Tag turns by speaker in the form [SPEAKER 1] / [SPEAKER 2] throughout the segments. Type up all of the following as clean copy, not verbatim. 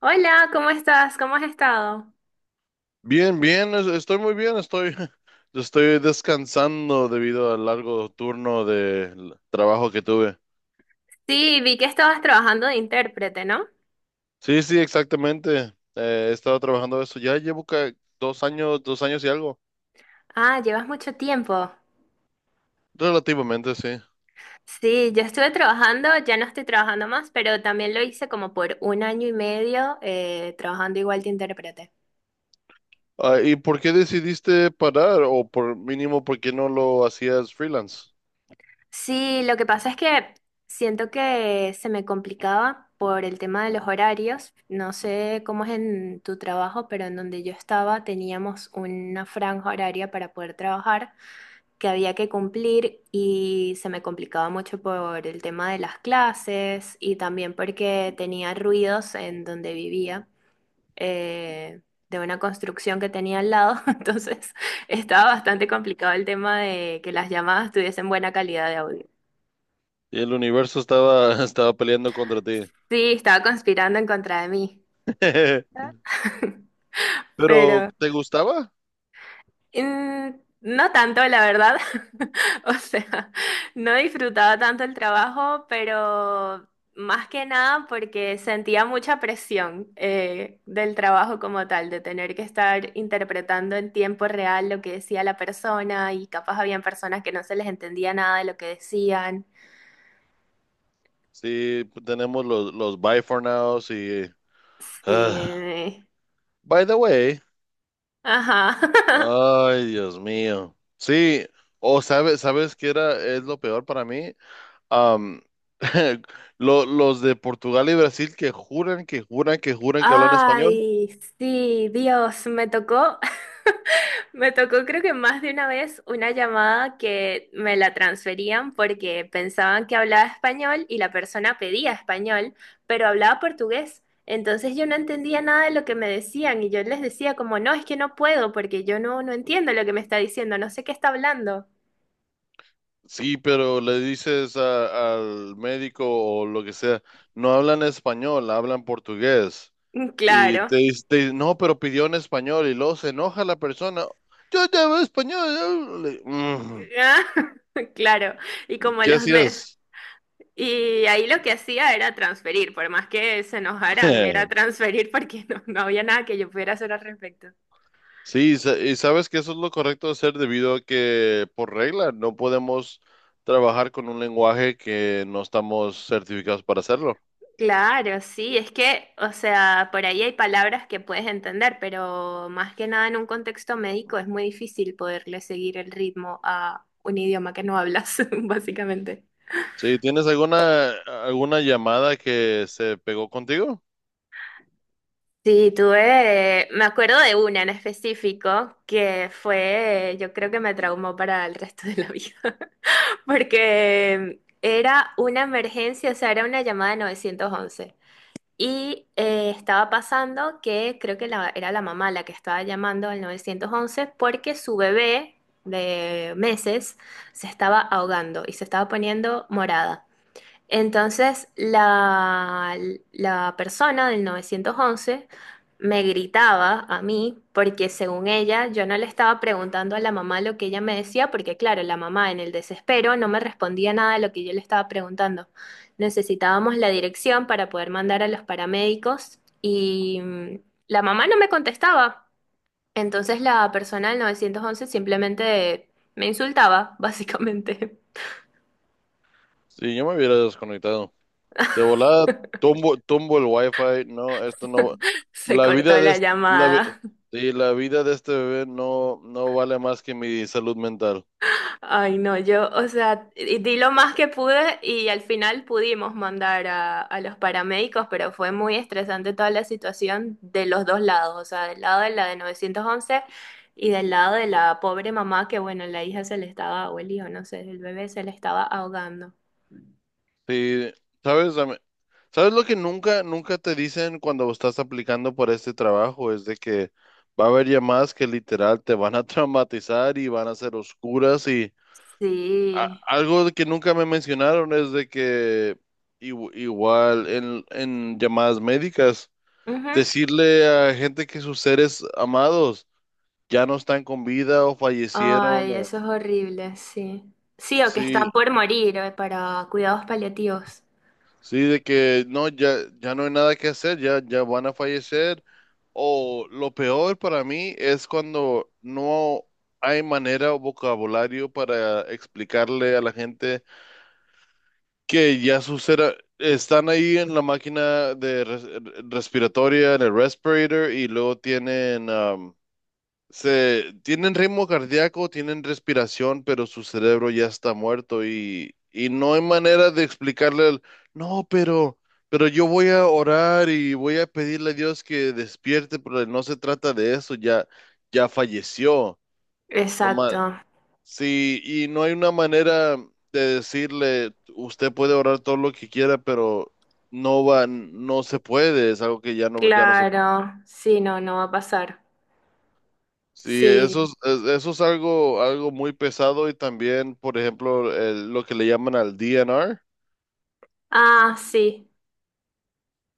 [SPEAKER 1] Hola, ¿cómo estás? ¿Cómo has estado?
[SPEAKER 2] Bien, bien, estoy muy bien, estoy, estoy descansando debido al largo turno de trabajo que tuve.
[SPEAKER 1] Sí, vi que estabas trabajando de intérprete, ¿no?
[SPEAKER 2] Sí, sí, exactamente. He estado trabajando eso. Ya llevo dos años y algo.
[SPEAKER 1] Ah, llevas mucho tiempo.
[SPEAKER 2] Relativamente, sí.
[SPEAKER 1] Sí, yo estuve trabajando, ya no estoy trabajando más, pero también lo hice como por un año y medio trabajando igual de intérprete.
[SPEAKER 2] Ah, ¿y por qué decidiste parar? O por mínimo, ¿por qué no lo hacías freelance?
[SPEAKER 1] Sí, lo que pasa es que siento que se me complicaba por el tema de los horarios. No sé cómo es en tu trabajo, pero en donde yo estaba teníamos una franja horaria para poder trabajar, que había que cumplir, y se me complicaba mucho por el tema de las clases y también porque tenía ruidos en donde vivía, eh, de una construcción que tenía al lado, entonces estaba bastante complicado el tema de que las llamadas tuviesen buena calidad de audio.
[SPEAKER 2] Y el universo estaba, estaba peleando contra ti.
[SPEAKER 1] Sí, estaba conspirando en contra de mí,
[SPEAKER 2] Pero,
[SPEAKER 1] pero
[SPEAKER 2] ¿te gustaba?
[SPEAKER 1] Mm, no tanto, la verdad. O sea, no disfrutaba tanto el trabajo, pero más que nada porque sentía mucha presión del trabajo como tal, de tener que estar interpretando en tiempo real lo que decía la persona, y capaz habían personas que no se les entendía nada de lo que decían.
[SPEAKER 2] Sí, tenemos los Buy for Nows y... ah.
[SPEAKER 1] Sí.
[SPEAKER 2] By the way.
[SPEAKER 1] Ajá.
[SPEAKER 2] Ay, Dios mío. Sí, o sabes, sabes qué era, es lo peor para mí. Am, los de Portugal y Brasil que juran, que juran, que juran que hablan español.
[SPEAKER 1] Ay, sí, Dios, Me tocó creo que más de una vez una llamada que me la transferían porque pensaban que hablaba español y la persona pedía español, pero hablaba portugués. Entonces yo no entendía nada de lo que me decían y yo les decía como, no, es que no puedo porque yo no entiendo lo que me está diciendo, no sé qué está hablando.
[SPEAKER 2] Sí, pero le dices al médico o lo que sea, no hablan español, hablan portugués.
[SPEAKER 1] Mm,
[SPEAKER 2] Y
[SPEAKER 1] claro.
[SPEAKER 2] te dice, no, pero pidió en español y luego se enoja la persona. Yo te hablo español. Yo hablo.". Mm,
[SPEAKER 1] Ah, claro. Y como
[SPEAKER 2] ¿qué
[SPEAKER 1] los me...
[SPEAKER 2] hacías?
[SPEAKER 1] Y ahí lo que hacía era transferir, por más que se enojaran, era transferir porque no había nada que yo pudiera hacer al respecto.
[SPEAKER 2] Sí, y y sabes que eso es lo correcto de hacer debido a que por regla no podemos trabajar con un lenguaje que no estamos certificados para hacerlo.
[SPEAKER 1] Claro, sí, es que, o sea, por ahí hay palabras que puedes entender, pero más que nada en un contexto médico es muy difícil poderle seguir el ritmo a un idioma que no hablas, básicamente.
[SPEAKER 2] Sí, ¿tienes alguna alguna llamada que se pegó contigo?
[SPEAKER 1] Sí, tuve, me acuerdo de una en específico que fue, yo creo que me traumó para el resto de la vida, porque era una emergencia, o sea, era una llamada de 911. Y estaba pasando que creo que era la mamá la que estaba llamando al 911 porque su bebé de meses se estaba ahogando y se estaba poniendo morada. Entonces la persona del 911 me gritaba a mí porque según ella yo no le estaba preguntando a la mamá lo que ella me decía porque claro, la mamá en el desespero no me respondía nada de lo que yo le estaba preguntando. Necesitábamos la dirección para poder mandar a los paramédicos y la mamá no me contestaba. Entonces la persona del 911 simplemente me insultaba, básicamente.
[SPEAKER 2] Sí, yo me hubiera desconectado. De volada, tumbo, tumbo el wifi. No, esto no.
[SPEAKER 1] Se
[SPEAKER 2] La
[SPEAKER 1] cortó
[SPEAKER 2] vida de
[SPEAKER 1] la
[SPEAKER 2] este, la,
[SPEAKER 1] llamada.
[SPEAKER 2] sí, la vida de este bebé no, no vale más que mi salud mental.
[SPEAKER 1] Ay, no, yo, o sea, di lo más que pude y al final pudimos mandar a los paramédicos, pero fue muy estresante toda la situación de los dos lados, o sea, del lado de la de 911 y del lado de la pobre mamá que, bueno, la hija se le estaba, o el hijo, no sé, el bebé se le estaba ahogando.
[SPEAKER 2] Sí, ¿sabes? ¿Sabes lo que nunca, nunca te dicen cuando estás aplicando por este trabajo? Es de que va a haber llamadas que literal te van a traumatizar y van a ser oscuras y
[SPEAKER 1] Sí.
[SPEAKER 2] algo de que nunca me mencionaron es de que igual en llamadas médicas,
[SPEAKER 1] Ujú.
[SPEAKER 2] decirle a gente que sus seres amados ya no están con vida o fallecieron
[SPEAKER 1] Ay,
[SPEAKER 2] o
[SPEAKER 1] eso es horrible, sí. Sí, o que están
[SPEAKER 2] sí.
[SPEAKER 1] por morir para cuidados paliativos.
[SPEAKER 2] Sí, de que no, ya, ya no hay nada que hacer, ya, ya van a fallecer. O lo peor para mí es cuando no hay manera o vocabulario para explicarle a la gente que ya sus están ahí en la máquina de respiratoria, en el respirator, y luego tienen se tienen ritmo cardíaco, tienen respiración, pero su cerebro ya está muerto y no hay manera de explicarle el, no, pero yo voy a orar y voy a pedirle a Dios que despierte, pero no se trata de eso, ya, ya falleció. No
[SPEAKER 1] Exacto.
[SPEAKER 2] ma- sí, y no hay una manera de decirle, usted puede orar todo lo que quiera, pero no va, no se puede, es algo que ya no, ya no se.
[SPEAKER 1] Claro. Sí, no, no va a pasar.
[SPEAKER 2] Sí, eso
[SPEAKER 1] Sí,
[SPEAKER 2] es, eso es algo, algo muy pesado y también, por ejemplo, lo que le llaman al DNR.
[SPEAKER 1] ah, sí,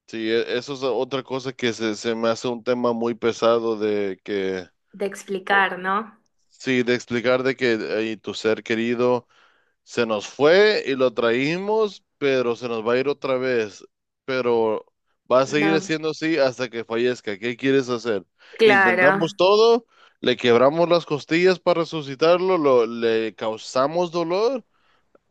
[SPEAKER 2] Sí, eso es otra cosa que se me hace un tema muy pesado de que,
[SPEAKER 1] de
[SPEAKER 2] o-
[SPEAKER 1] explicar, ¿no?
[SPEAKER 2] sí, de explicar de que tu ser querido se nos fue y lo traímos, pero se nos va a ir otra vez, pero va a seguir
[SPEAKER 1] No,
[SPEAKER 2] siendo así hasta que fallezca. ¿Qué quieres hacer? Intentamos
[SPEAKER 1] claro,
[SPEAKER 2] todo. Le quebramos las costillas para resucitarlo, le causamos dolor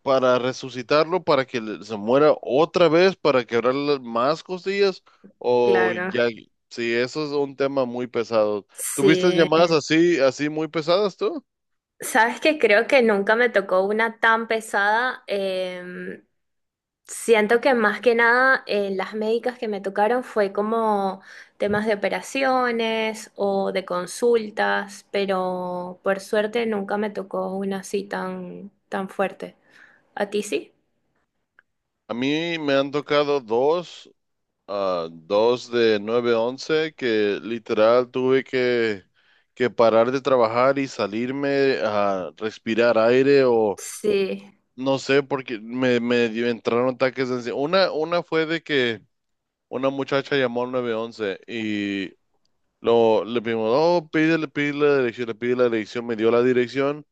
[SPEAKER 2] para resucitarlo, para que se muera otra vez, para quebrar las más costillas, o
[SPEAKER 1] claro.
[SPEAKER 2] ya, sí, eso es un tema muy pesado. ¿Tuviste
[SPEAKER 1] Sí.
[SPEAKER 2] llamadas así, así muy pesadas tú?
[SPEAKER 1] Sabes que creo que nunca me tocó una tan pesada. Siento que más que nada las médicas que me tocaron fue como temas de operaciones o de consultas, pero por suerte nunca me tocó una así tan, tan fuerte. ¿A ti sí?
[SPEAKER 2] A mí me han tocado dos, ah, dos de nueve once que literal tuve que parar de trabajar y salirme a respirar aire o
[SPEAKER 1] Sí.
[SPEAKER 2] no sé, porque me, entraron ataques de ansiedad. Una fue de que una muchacha llamó al nueve once y lo, le pedimos, oh, pídele, pídele la dirección, le pide la dirección, me dio la dirección.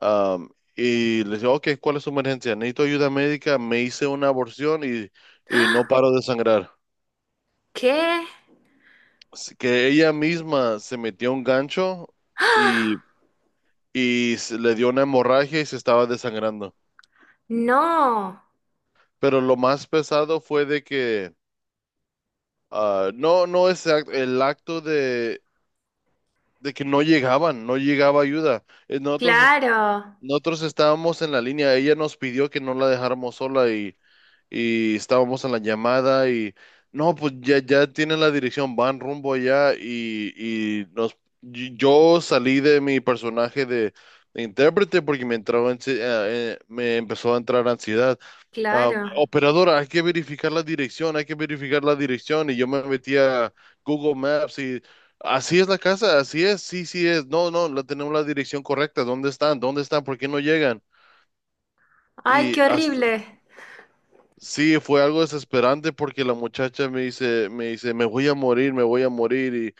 [SPEAKER 2] am, y le dije, ok, ¿cuál es su emergencia? Necesito ayuda médica, me hice una aborción y no paro de sangrar.
[SPEAKER 1] ¿Qué?
[SPEAKER 2] Así que ella misma se metió un gancho
[SPEAKER 1] ¡Ah!
[SPEAKER 2] y, y le dio una hemorragia y se estaba desangrando.
[SPEAKER 1] No,
[SPEAKER 2] Pero lo más pesado fue de que, ah, no, no es el acto de que no llegaban, no llegaba ayuda. Nosotros
[SPEAKER 1] claro,
[SPEAKER 2] Nosotros estábamos en la línea, ella nos pidió que no la dejáramos sola y estábamos en la llamada y no, pues ya, ya tienen la dirección, van rumbo allá y nos, yo salí de mi personaje de intérprete porque me entraba me empezó a entrar ansiedad. Um,
[SPEAKER 1] claro.
[SPEAKER 2] operadora, hay que verificar la dirección, hay que verificar la dirección. Y yo me metí a Google Maps y así es la casa, así es, sí, sí es. No, no, la tenemos la dirección correcta. ¿Dónde están? ¿Dónde están? ¿Por qué no llegan?
[SPEAKER 1] Ay,
[SPEAKER 2] Y
[SPEAKER 1] qué
[SPEAKER 2] hasta,
[SPEAKER 1] horrible.
[SPEAKER 2] sí, fue algo desesperante porque la muchacha me dice, me dice, me voy a morir, me voy a morir.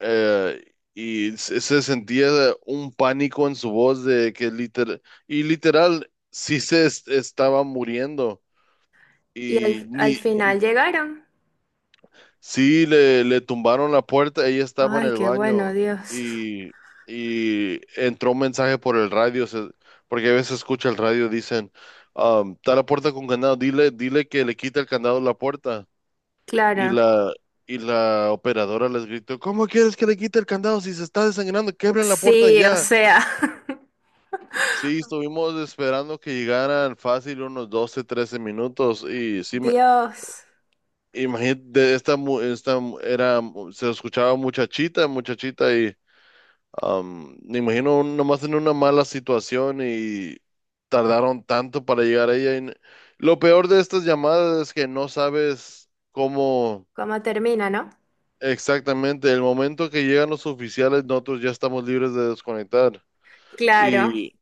[SPEAKER 2] Y se, se sentía un pánico en su voz de que literal, y literal, sí se estaba muriendo. Y ni,
[SPEAKER 1] Al final llegaron.
[SPEAKER 2] sí, le tumbaron la puerta, ella estaba en
[SPEAKER 1] Ay,
[SPEAKER 2] el
[SPEAKER 1] qué
[SPEAKER 2] baño
[SPEAKER 1] bueno, Dios.
[SPEAKER 2] y, y entró un mensaje por el radio, porque a veces escucha el radio, dicen, um, está la puerta con candado, dile, dile que le quite el candado a la puerta. Y
[SPEAKER 1] Claro.
[SPEAKER 2] la, y la operadora les gritó, ¿cómo quieres que le quite el candado si se está desangrando? Quebren la puerta
[SPEAKER 1] Sí, o
[SPEAKER 2] ya.
[SPEAKER 1] sea,
[SPEAKER 2] Sí, estuvimos esperando que llegaran fácil unos 12, 13 minutos y sí,
[SPEAKER 1] Dios,
[SPEAKER 2] imagínate, de esta, era, se escuchaba muchachita, muchachita y me imagino nomás en una mala situación y tardaron tanto para llegar a ella. Lo peor de estas llamadas es que no sabes cómo
[SPEAKER 1] cómo termina, ¿no?
[SPEAKER 2] exactamente. El momento que llegan los oficiales, nosotros ya estamos libres de desconectar.
[SPEAKER 1] Claro.
[SPEAKER 2] Y,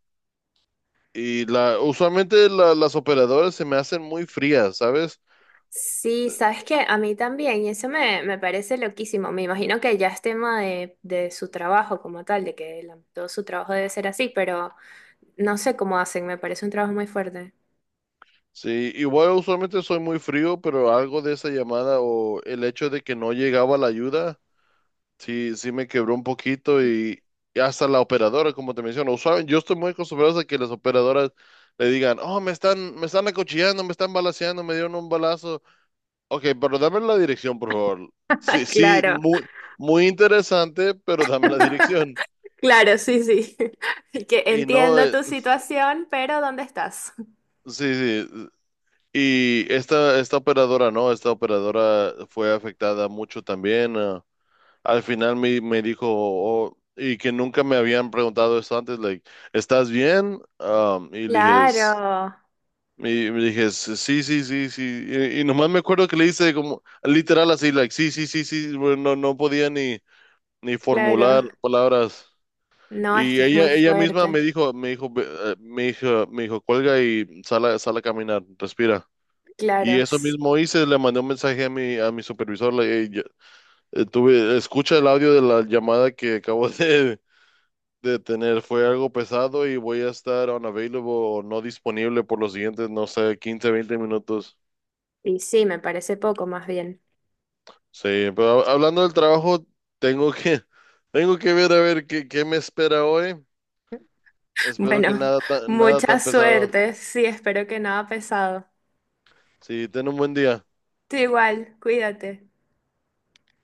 [SPEAKER 2] y la, usualmente las operadoras se me hacen muy frías, ¿sabes?
[SPEAKER 1] Sí, sabes que a mí también, y eso me parece loquísimo. Me imagino que ya es tema de su trabajo como tal, de que todo su trabajo debe ser así, pero no sé cómo hacen, me parece un trabajo muy fuerte.
[SPEAKER 2] Sí, igual usualmente soy muy frío, pero algo de esa llamada o el hecho de que no llegaba la ayuda, sí, sí me quebró un poquito y hasta la operadora, como te menciono, usualmente yo estoy muy acostumbrado a que las operadoras le digan, oh, me están acuchillando, me están balaceando, me dieron un balazo. Ok, pero dame la dirección, por favor. Sí, sí,
[SPEAKER 1] Claro.
[SPEAKER 2] muy, muy interesante, pero dame la dirección.
[SPEAKER 1] Claro, sí, sí. Así que
[SPEAKER 2] Y no,
[SPEAKER 1] entiendo tu situación, pero ¿dónde estás?
[SPEAKER 2] sí, sí, y esta operadora, ¿no? Esta operadora fue afectada mucho también. Ah, al final me, me dijo, "Oh", y que nunca me habían preguntado esto antes, like, ¿estás bien? Um, y le dije,
[SPEAKER 1] Claro,
[SPEAKER 2] "S- sí, sí, sí, sí". Y nomás me acuerdo que le hice como, literal así, like, sí, sí, sí, sí. Bueno, no, no podía ni, ni
[SPEAKER 1] claro.
[SPEAKER 2] formular palabras.
[SPEAKER 1] No, es que
[SPEAKER 2] Y
[SPEAKER 1] es muy
[SPEAKER 2] ella misma me
[SPEAKER 1] fuerte.
[SPEAKER 2] dijo, me dijo, me dijo, cuelga y sal a, sal a caminar, respira. Y
[SPEAKER 1] Claro.
[SPEAKER 2] eso mismo hice, le mandé un mensaje a mi supervisor, tuve, escucha el audio de la llamada que acabo de tener, fue algo pesado y voy a estar unavailable o no disponible por los siguientes, no sé, 15, 20 minutos.
[SPEAKER 1] Y sí, me parece poco más bien.
[SPEAKER 2] Sí, pero hablando del trabajo, tengo que, tengo que ver a ver qué, qué me espera hoy. Espero que
[SPEAKER 1] Bueno,
[SPEAKER 2] nada, nada
[SPEAKER 1] mucha
[SPEAKER 2] tan pesado.
[SPEAKER 1] suerte. Sí, espero que nada pesado.
[SPEAKER 2] Sí, ten un buen día.
[SPEAKER 1] Tú igual, cuídate.